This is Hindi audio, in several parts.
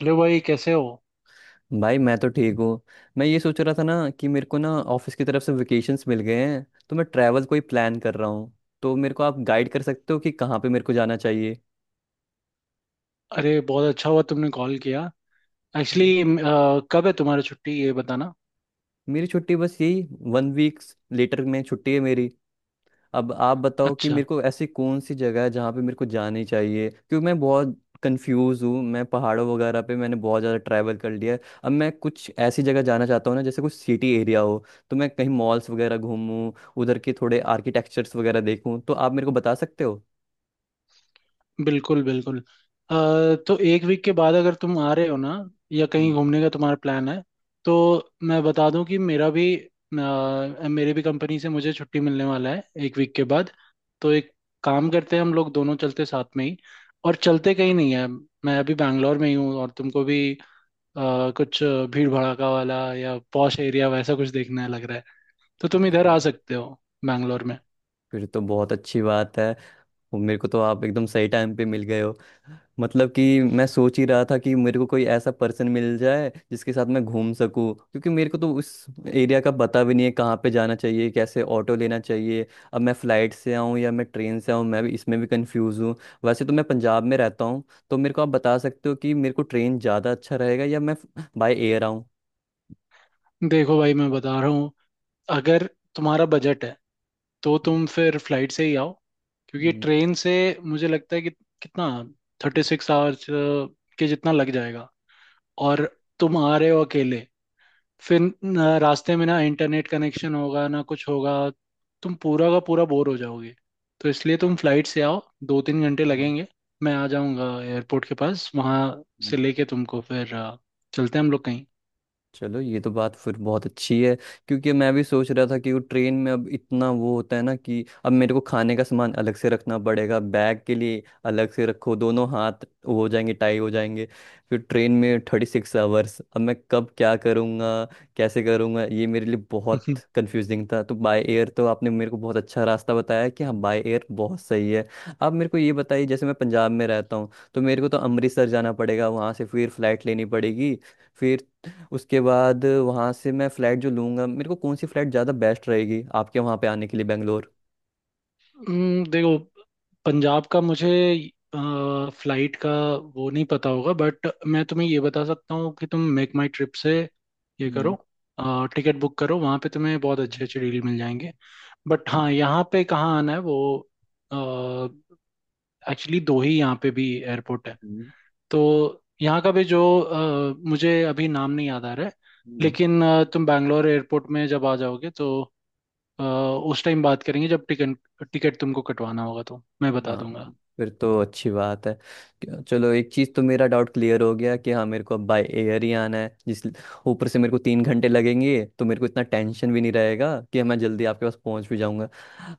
हेलो भाई, कैसे हो। भाई मैं तो ठीक हूँ। मैं ये सोच रहा था ना कि मेरे को ना ऑफिस की तरफ से वेकेशंस मिल गए हैं, तो मैं ट्रैवल कोई प्लान कर रहा हूँ। तो मेरे को आप गाइड कर सकते हो कि कहाँ पे मेरे को जाना चाहिए। अरे, बहुत अच्छा हुआ तुमने कॉल किया। हम्म। एक्चुअली कब है तुम्हारी छुट्टी ये बताना। मेरी छुट्टी बस यही 1 वीक्स लेटर में छुट्टी है मेरी। अब आप बताओ कि अच्छा। मेरे को ऐसी कौन सी जगह है जहाँ पे मेरे को जानी चाहिए, क्योंकि मैं बहुत कंफ्यूज हूँ। मैं पहाड़ों वगैरह पे मैंने बहुत ज़्यादा ट्रैवल कर लिया है। अब मैं कुछ ऐसी जगह जाना चाहता हूँ ना, जैसे कुछ सिटी एरिया हो, तो मैं कहीं मॉल्स वगैरह घूमूं, उधर के थोड़े आर्किटेक्चर्स वगैरह देखूं। तो आप मेरे को बता सकते हो। बिल्कुल बिल्कुल। अ, तो एक वीक के बाद अगर तुम आ रहे हो ना, या कहीं हम्म। घूमने का तुम्हारा प्लान है, तो मैं बता दूं कि मेरा भी मेरे भी कंपनी से मुझे छुट्टी मिलने वाला है एक वीक के बाद। तो एक काम करते हैं, हम लोग दोनों चलते साथ में ही, और चलते कहीं नहीं है। मैं अभी बैंगलोर में ही हूँ, और तुमको भी कुछ भीड़ भड़ाका वाला या पॉश एरिया वैसा कुछ देखना है लग रहा है, तो तुम इधर आ हाँ, सकते हो, बैंगलोर में। फिर तो बहुत अच्छी बात है। वो मेरे को तो आप एकदम सही टाइम पे मिल गए हो। मतलब कि मैं सोच ही रहा था कि मेरे को कोई ऐसा पर्सन मिल जाए जिसके साथ मैं घूम सकूं, क्योंकि मेरे को तो उस एरिया का पता भी नहीं है, कहाँ पे जाना चाहिए, कैसे ऑटो लेना चाहिए। अब मैं फ्लाइट से आऊँ या मैं ट्रेन से आऊँ, मैं भी इसमें भी कंफ्यूज हूँ। वैसे तो मैं पंजाब में रहता हूँ। तो मेरे को आप बता सकते हो कि मेरे को ट्रेन ज़्यादा अच्छा रहेगा या मैं बाय एयर आऊँ। देखो भाई, मैं बता रहा हूँ, अगर तुम्हारा बजट है तो तुम फिर फ्लाइट से ही आओ, क्योंकि हम्म, ट्रेन से मुझे लगता है कि कितना 36 आवर्स के जितना लग जाएगा। और तुम आ रहे हो अकेले, फिर रास्ते में ना इंटरनेट कनेक्शन होगा ना कुछ होगा, तुम पूरा का पूरा बोर हो जाओगे। तो इसलिए तुम फ्लाइट से आओ, दो तीन घंटे हम्म, लगेंगे। मैं आ जाऊंगा एयरपोर्ट के पास, वहां से हम्म। लेके तुमको फिर चलते हैं हम लोग कहीं। चलो, ये तो बात फिर बहुत अच्छी है, क्योंकि मैं भी सोच रहा था कि वो ट्रेन में अब इतना वो होता है ना कि अब मेरे को खाने का सामान अलग से रखना पड़ेगा, बैग के लिए अलग से रखो, दोनों हाथ वो हो जाएंगे, टाई हो जाएंगे। फिर ट्रेन में 36 आवर्स, अब मैं कब क्या करूँगा, कैसे करूँगा, ये मेरे लिए बहुत कंफ्यूजिंग था। तो बाय एयर तो आपने मेरे को बहुत अच्छा रास्ता बताया कि हाँ, बाय एयर बहुत सही है। अब मेरे को ये बताइए, जैसे मैं पंजाब में रहता हूँ तो मेरे को तो अमृतसर जाना पड़ेगा, वहाँ से फिर फ्लाइट लेनी पड़ेगी। फिर उसके बाद वहाँ से मैं फ्लैट जो लूँगा, मेरे को कौन सी फ्लैट ज़्यादा बेस्ट रहेगी आपके वहाँ पे आने के लिए, बेंगलोर। देखो, पंजाब का मुझे फ्लाइट का वो नहीं पता होगा, बट मैं तुम्हें ये बता सकता हूँ कि तुम मेक माई ट्रिप से ये करो, हम्म, टिकट बुक करो, वहाँ पे तुम्हें बहुत अच्छे हम्म, अच्छे डील मिल जाएंगे। बट हम्म, हाँ, यहाँ पे कहाँ आना है वो, एक्चुअली दो ही यहाँ पे भी एयरपोर्ट है, हम्म, तो यहाँ का भी जो मुझे अभी नाम नहीं याद आ रहा है, हम्म। लेकिन तुम बैंगलोर एयरपोर्ट में जब आ जाओगे, तो उस टाइम बात करेंगे, जब टिकट टिकट तुमको कटवाना होगा तो मैं बता हाँ, दूंगा। फिर तो अच्छी बात है। चलो, एक चीज़ तो मेरा डाउट क्लियर हो गया कि हाँ, मेरे को अब बाय एयर ही आना है। जिस ऊपर से मेरे को 3 घंटे लगेंगे, तो मेरे को इतना टेंशन भी नहीं रहेगा कि मैं जल्दी आपके पास पहुंच भी जाऊंगा।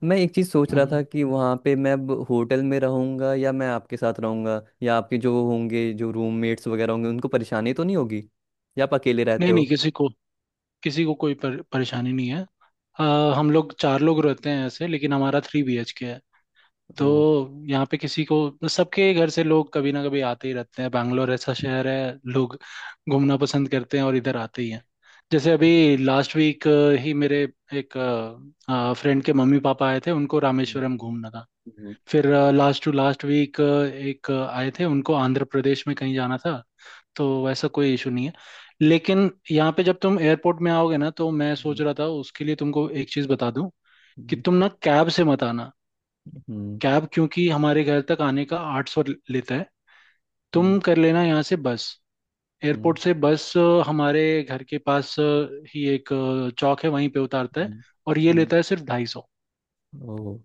मैं एक चीज़ सोच रहा हम्म। था कि वहाँ पे मैं अब होटल में रहूंगा या मैं आपके साथ रहूंगा, या आपके जो होंगे, जो रूममेट्स वगैरह होंगे, उनको परेशानी तो नहीं होगी, या आप अकेले रहते नहीं नहीं, हो। किसी को कोई परेशानी नहीं है। अ, हम लोग चार लोग रहते हैं ऐसे, लेकिन हमारा 3 BHK है, तो वो- यहाँ पे किसी को सबके घर से लोग कभी ना कभी आते ही रहते हैं, बैंगलोर ऐसा शहर है, लोग घूमना पसंद करते हैं और इधर आते ही हैं। जैसे अभी लास्ट वीक ही मेरे एक फ्रेंड के मम्मी पापा आए थे, उनको हम्म, रामेश्वरम घूमना था। हम्म, फिर लास्ट टू लास्ट वीक एक आए थे, उनको आंध्र प्रदेश में कहीं जाना था। तो वैसा कोई इशू नहीं है। लेकिन यहाँ पे जब तुम एयरपोर्ट में आओगे ना, तो मैं सोच रहा था उसके लिए तुमको एक चीज़ बता दूं कि हम्म, तुम ना कैब से मत आना, हम्म, कैब क्योंकि हमारे घर तक आने का 800 लेता है। हम्म, तुम कर लेना यहाँ से बस, हम्म, एयरपोर्ट से बस हमारे घर के पास ही एक चौक है, वहीं पे उतारता है, हम्म, और ये हम्म, लेता है सिर्फ 250। ओह,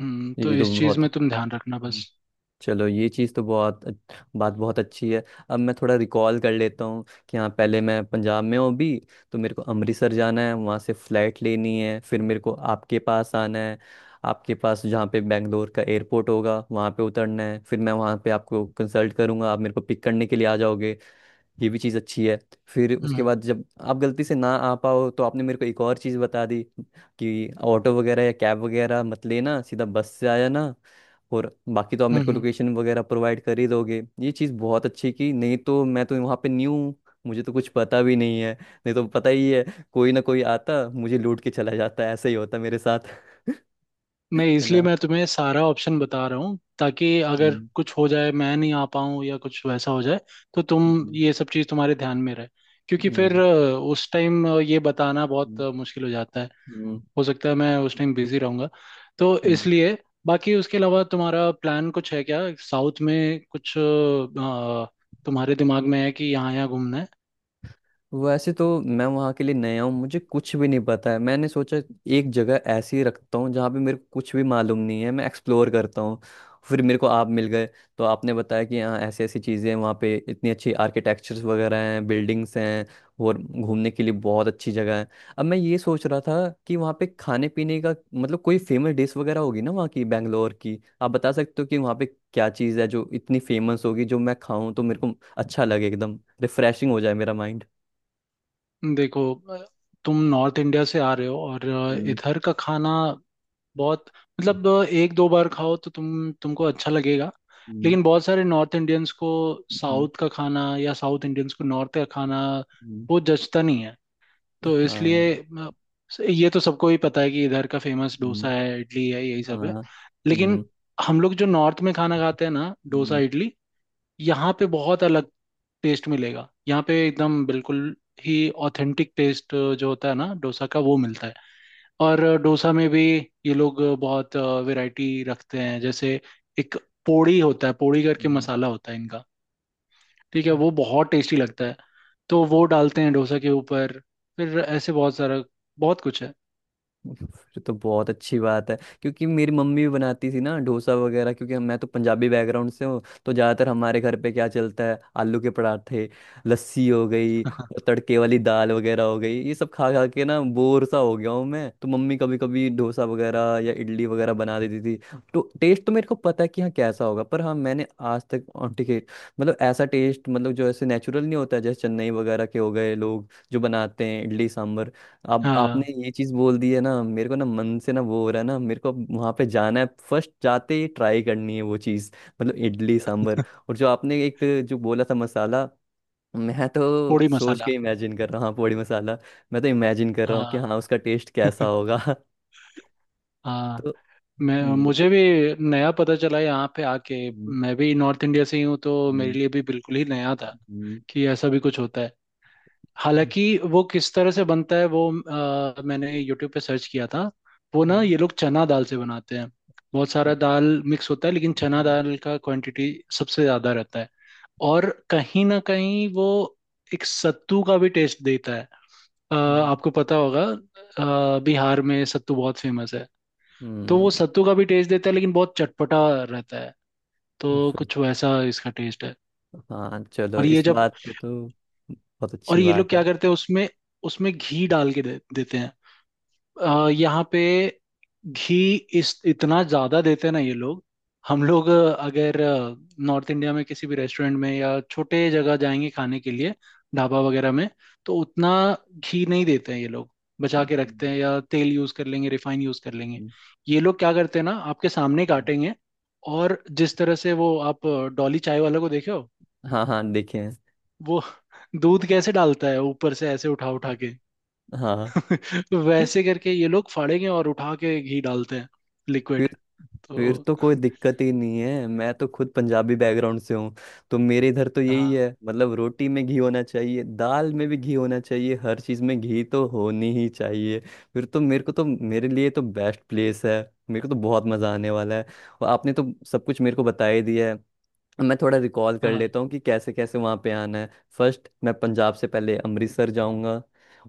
हम्म, तो ये तो इस चीज़ बहुत। में तुम ध्यान रखना बस। चलो, ये चीज़ तो बहुत बात बहुत अच्छी है। अब मैं थोड़ा रिकॉल कर लेता हूँ कि हाँ, पहले मैं पंजाब में हूँ अभी, तो मेरे को अमृतसर जाना है, वहाँ से फ़्लाइट लेनी है, फिर मेरे को आपके पास आना है। आपके पास जहाँ पे बेंगलोर का एयरपोर्ट होगा वहाँ पे उतरना है, फिर मैं वहाँ पे आपको कंसल्ट करूँगा, आप मेरे को पिक करने के लिए आ जाओगे। ये भी चीज़ अच्छी है। फिर उसके हम्म बाद, जब आप गलती से ना आ पाओ, तो आपने मेरे को एक और चीज़ बता दी कि ऑटो वगैरह या कैब वगैरह मत लेना, सीधा बस से आ जाना। और बाकी तो आप हम्म मेरे को हम्म। लोकेशन वगैरह प्रोवाइड कर ही दोगे। ये चीज़ बहुत अच्छी की, नहीं तो मैं तो वहाँ पे न्यू हूँ, मुझे तो कुछ पता भी नहीं है। नहीं तो पता ही है, कोई ना कोई आता, मुझे लूट के चला जाता, ऐसे ही होता मेरे साथ। नहीं, है इसलिए ना। मैं तुम्हें सारा ऑप्शन बता रहा हूँ, ताकि अगर हम्म, कुछ हो जाए, मैं नहीं आ पाऊँ या कुछ वैसा हो जाए, तो तुम हम्म, ये सब चीज़ तुम्हारे ध्यान में रहे। क्योंकि फिर हम्म, उस टाइम ये बताना बहुत हम्म, मुश्किल हो जाता है। हम्म, हो सकता है मैं उस टाइम बिजी रहूँगा, तो हम्म। इसलिए बाकी उसके अलावा तुम्हारा प्लान कुछ है क्या? साउथ में कुछ तुम्हारे दिमाग में है कि यहाँ यहाँ घूमना है? वैसे तो मैं वहाँ के लिए नया हूँ, मुझे कुछ भी नहीं पता है। मैंने सोचा एक जगह ऐसी ही रखता हूँ जहाँ पे मेरे को कुछ भी मालूम नहीं है, मैं एक्सप्लोर करता हूँ। फिर मेरे को आप मिल गए, तो आपने बताया कि यहाँ ऐसी ऐसी चीज़ें हैं, वहाँ पे इतनी अच्छी आर्किटेक्चर्स वगैरह हैं, बिल्डिंग्स हैं, और घूमने के लिए बहुत अच्छी जगह है। अब मैं ये सोच रहा था कि वहाँ पे खाने पीने का, मतलब कोई फेमस डिश वगैरह होगी ना वहाँ की, बैंगलोर की, आप बता सकते हो कि वहाँ पे क्या चीज़ है जो इतनी फेमस होगी, जो मैं खाऊं तो मेरे को अच्छा लगे, एकदम रिफ्रेशिंग हो जाए मेरा माइंड। देखो तुम नॉर्थ इंडिया से आ रहे हो, और हम्म, इधर का खाना बहुत, मतलब एक दो बार खाओ तो तुमको अच्छा लगेगा, हम्म, लेकिन बहुत सारे नॉर्थ इंडियंस को हम्म, साउथ का खाना, या साउथ इंडियंस को नॉर्थ का खाना हम्म, वो जचता नहीं है। तो हाँ, इसलिए ये तो सबको ही पता है कि इधर का फेमस डोसा हम्म, है, इडली है, यही सब है। हाँ, लेकिन हम्म, हम लोग जो नॉर्थ में खाना खाते हैं ना डोसा हम्म, इडली, यहाँ पे बहुत अलग टेस्ट मिलेगा। यहाँ पे एकदम बिल्कुल ही ऑथेंटिक टेस्ट जो होता है ना डोसा का, वो मिलता है। और डोसा में भी ये लोग बहुत वैरायटी रखते हैं, जैसे एक पोड़ी होता है, पोड़ी करके हम्म। मसाला होता है इनका, ठीक है, वो बहुत टेस्टी लगता है। तो वो डालते हैं डोसा के ऊपर, फिर ऐसे बहुत सारा, बहुत कुछ है। फिर तो बहुत अच्छी बात है, क्योंकि मेरी मम्मी भी बनाती थी ना डोसा वगैरह, क्योंकि मैं तो पंजाबी बैकग्राउंड से हूँ। तो ज़्यादातर हमारे घर पे क्या चलता है, आलू के पराठे, लस्सी हो गई, और तड़के वाली दाल वगैरह हो गई। ये सब खा खा के ना बोर सा हो गया हूँ मैं तो। मम्मी कभी कभी डोसा वगैरह या इडली वगैरह बना देती थी, तो टेस्ट तो मेरे को पता है कि हाँ, कैसा होगा, पर हाँ, मैंने आज तक और ठीक है, मतलब ऐसा टेस्ट, मतलब जो ऐसे नेचुरल नहीं होता है, जैसे चेन्नई वगैरह के हो गए, लोग जो बनाते हैं इडली सांभर। अब आपने हाँ, ये चीज बोल दी है ना, मेरे को ना मन से ना वो हो रहा है ना, मेरे को अब वहां पे जाना है, फर्स्ट जाते ही ट्राई करनी है वो चीज, मतलब इडली सांभर। और जो आपने एक जो बोला था मसाला, मैं तो पोड़ी सोच मसाला। के इमेजिन कर रहा हूँ। हाँ, पोड़ी मसाला। मैं तो इमेजिन कर रहा हूँ कि हाँ। हाँ, उसका टेस्ट कैसा होगा। हाँ। तो मैं हम्म, मुझे भी नया पता चला यहाँ पे आके, हम्म, मैं भी नॉर्थ इंडिया से ही हूँ, तो मेरे हम्म, लिए भी बिल्कुल ही नया था हम्म, कि ऐसा भी कुछ होता है। हालांकि वो किस तरह से बनता है, वो मैंने यूट्यूब पे सर्च किया था, वो ना हम्म, ये लोग चना दाल से बनाते हैं। बहुत सारा हम्म, दाल मिक्स होता है, लेकिन चना हम्म, दाल का क्वांटिटी सबसे ज़्यादा रहता है। और कहीं ना कहीं वो एक सत्तू का भी टेस्ट देता है। हम्म, आपको पता होगा, बिहार में सत्तू बहुत फेमस है, तो हम्म। वो सत्तू का भी टेस्ट देता है, लेकिन बहुत चटपटा रहता है, तो तो फिर- कुछ वैसा इसका टेस्ट है। हाँ, चलो, और ये इस जब, बात पे तो बहुत और अच्छी ये लोग बात है। क्या करते हैं उसमें, उसमें घी डाल के देते हैं। यहाँ पे घी इस इतना ज्यादा देते हैं ना ये लोग। हम लोग अगर नॉर्थ इंडिया में किसी भी रेस्टोरेंट में या छोटे जगह जाएंगे खाने के लिए, ढाबा वगैरह में, तो उतना घी नहीं देते हैं ये लोग, बचा के रखते हम्म, हैं, या तेल यूज कर लेंगे, रिफाइन यूज कर लेंगे। ये लोग क्या करते हैं ना, आपके सामने हम्म, काटेंगे, और जिस तरह से वो आप डॉली चाय वाला को देखे हो, हाँ हाँ, देखे हैं। वो दूध कैसे डालता है ऊपर से, ऐसे उठा उठा के, हाँ। तो वैसे करके ये लोग फाड़ेंगे और उठा के घी डालते हैं, लिक्विड। फिर फिर तो तो कोई दिक्कत ही नहीं है, मैं तो खुद पंजाबी बैकग्राउंड से हूँ। तो मेरे इधर तो यही हाँ। है, मतलब रोटी में घी होना चाहिए, दाल में भी घी होना चाहिए, हर चीज़ में घी तो होनी ही चाहिए। फिर तो मेरे को तो, मेरे लिए तो बेस्ट प्लेस है, मेरे को तो बहुत मज़ा आने वाला है। और आपने तो सब कुछ मेरे को बता ही दिया है। मैं थोड़ा रिकॉल कर हाँ लेता हूँ कि कैसे कैसे वहाँ पे आना है। फर्स्ट मैं पंजाब से पहले अमृतसर जाऊँगा,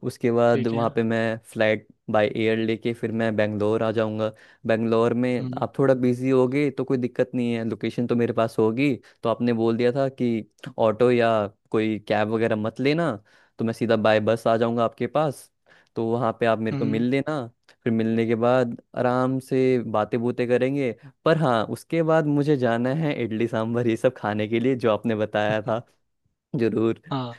उसके बाद ठीक है। वहाँ पे मैं फ्लाइट बाय एयर लेके फिर मैं बेंगलोर आ जाऊँगा। बेंगलोर में हम्म आप थोड़ा बिजी होगे तो कोई दिक्कत नहीं है, लोकेशन तो मेरे पास होगी। तो आपने बोल दिया था कि ऑटो या कोई कैब वगैरह मत लेना, तो मैं सीधा बाय बस आ जाऊँगा आपके पास। तो वहाँ पे आप मेरे को मिल हम्म। लेना। फिर मिलने के बाद आराम से बातें बूतें करेंगे। पर हाँ, उसके बाद मुझे जाना है इडली सांभर ये सब खाने के लिए, जो आपने बताया था, जरूर। हाँ,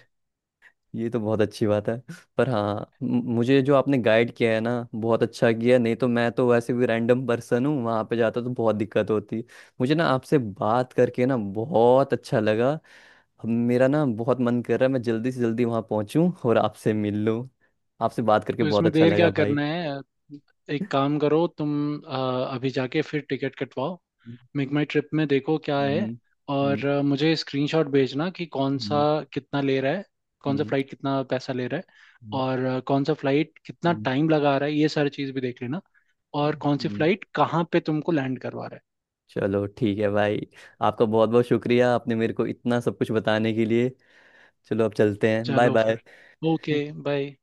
ये तो बहुत अच्छी बात है। पर हाँ, मुझे जो आपने गाइड किया है ना, बहुत अच्छा किया, नहीं तो मैं तो वैसे भी रैंडम पर्सन हूँ, वहाँ पे जाता तो बहुत दिक्कत होती। मुझे ना आपसे बात करके ना बहुत अच्छा लगा। अब मेरा ना बहुत मन कर रहा है, मैं जल्दी से जल्दी वहाँ पहुँचूँ और आपसे मिल लूँ। आपसे बात करके तो बहुत इसमें अच्छा देर क्या लगा भाई। करना है? एक काम करो तुम, अ, अभी जाके फिर टिकट कटवाओ, मेक माई ट्रिप में देखो क्या हम्म, है, हम्म, और मुझे स्क्रीनशॉट भेजना कि कौन सा हम्म, कितना ले रहा है, कौन सा हम्म, फ्लाइट कितना पैसा ले रहा है, हम्म, और कौन सा फ्लाइट कितना हम्म, टाइम लगा रहा है, ये सारी चीज़ भी देख लेना, और हम्म, कौन सी हम्म। फ्लाइट कहाँ पे तुमको लैंड करवा रहा है। चलो, ठीक है भाई, आपका बहुत बहुत शुक्रिया, आपने मेरे को इतना सब कुछ बताने के लिए। चलो, अब चलते हैं, बाय चलो बाय। फिर, ओके, बाय।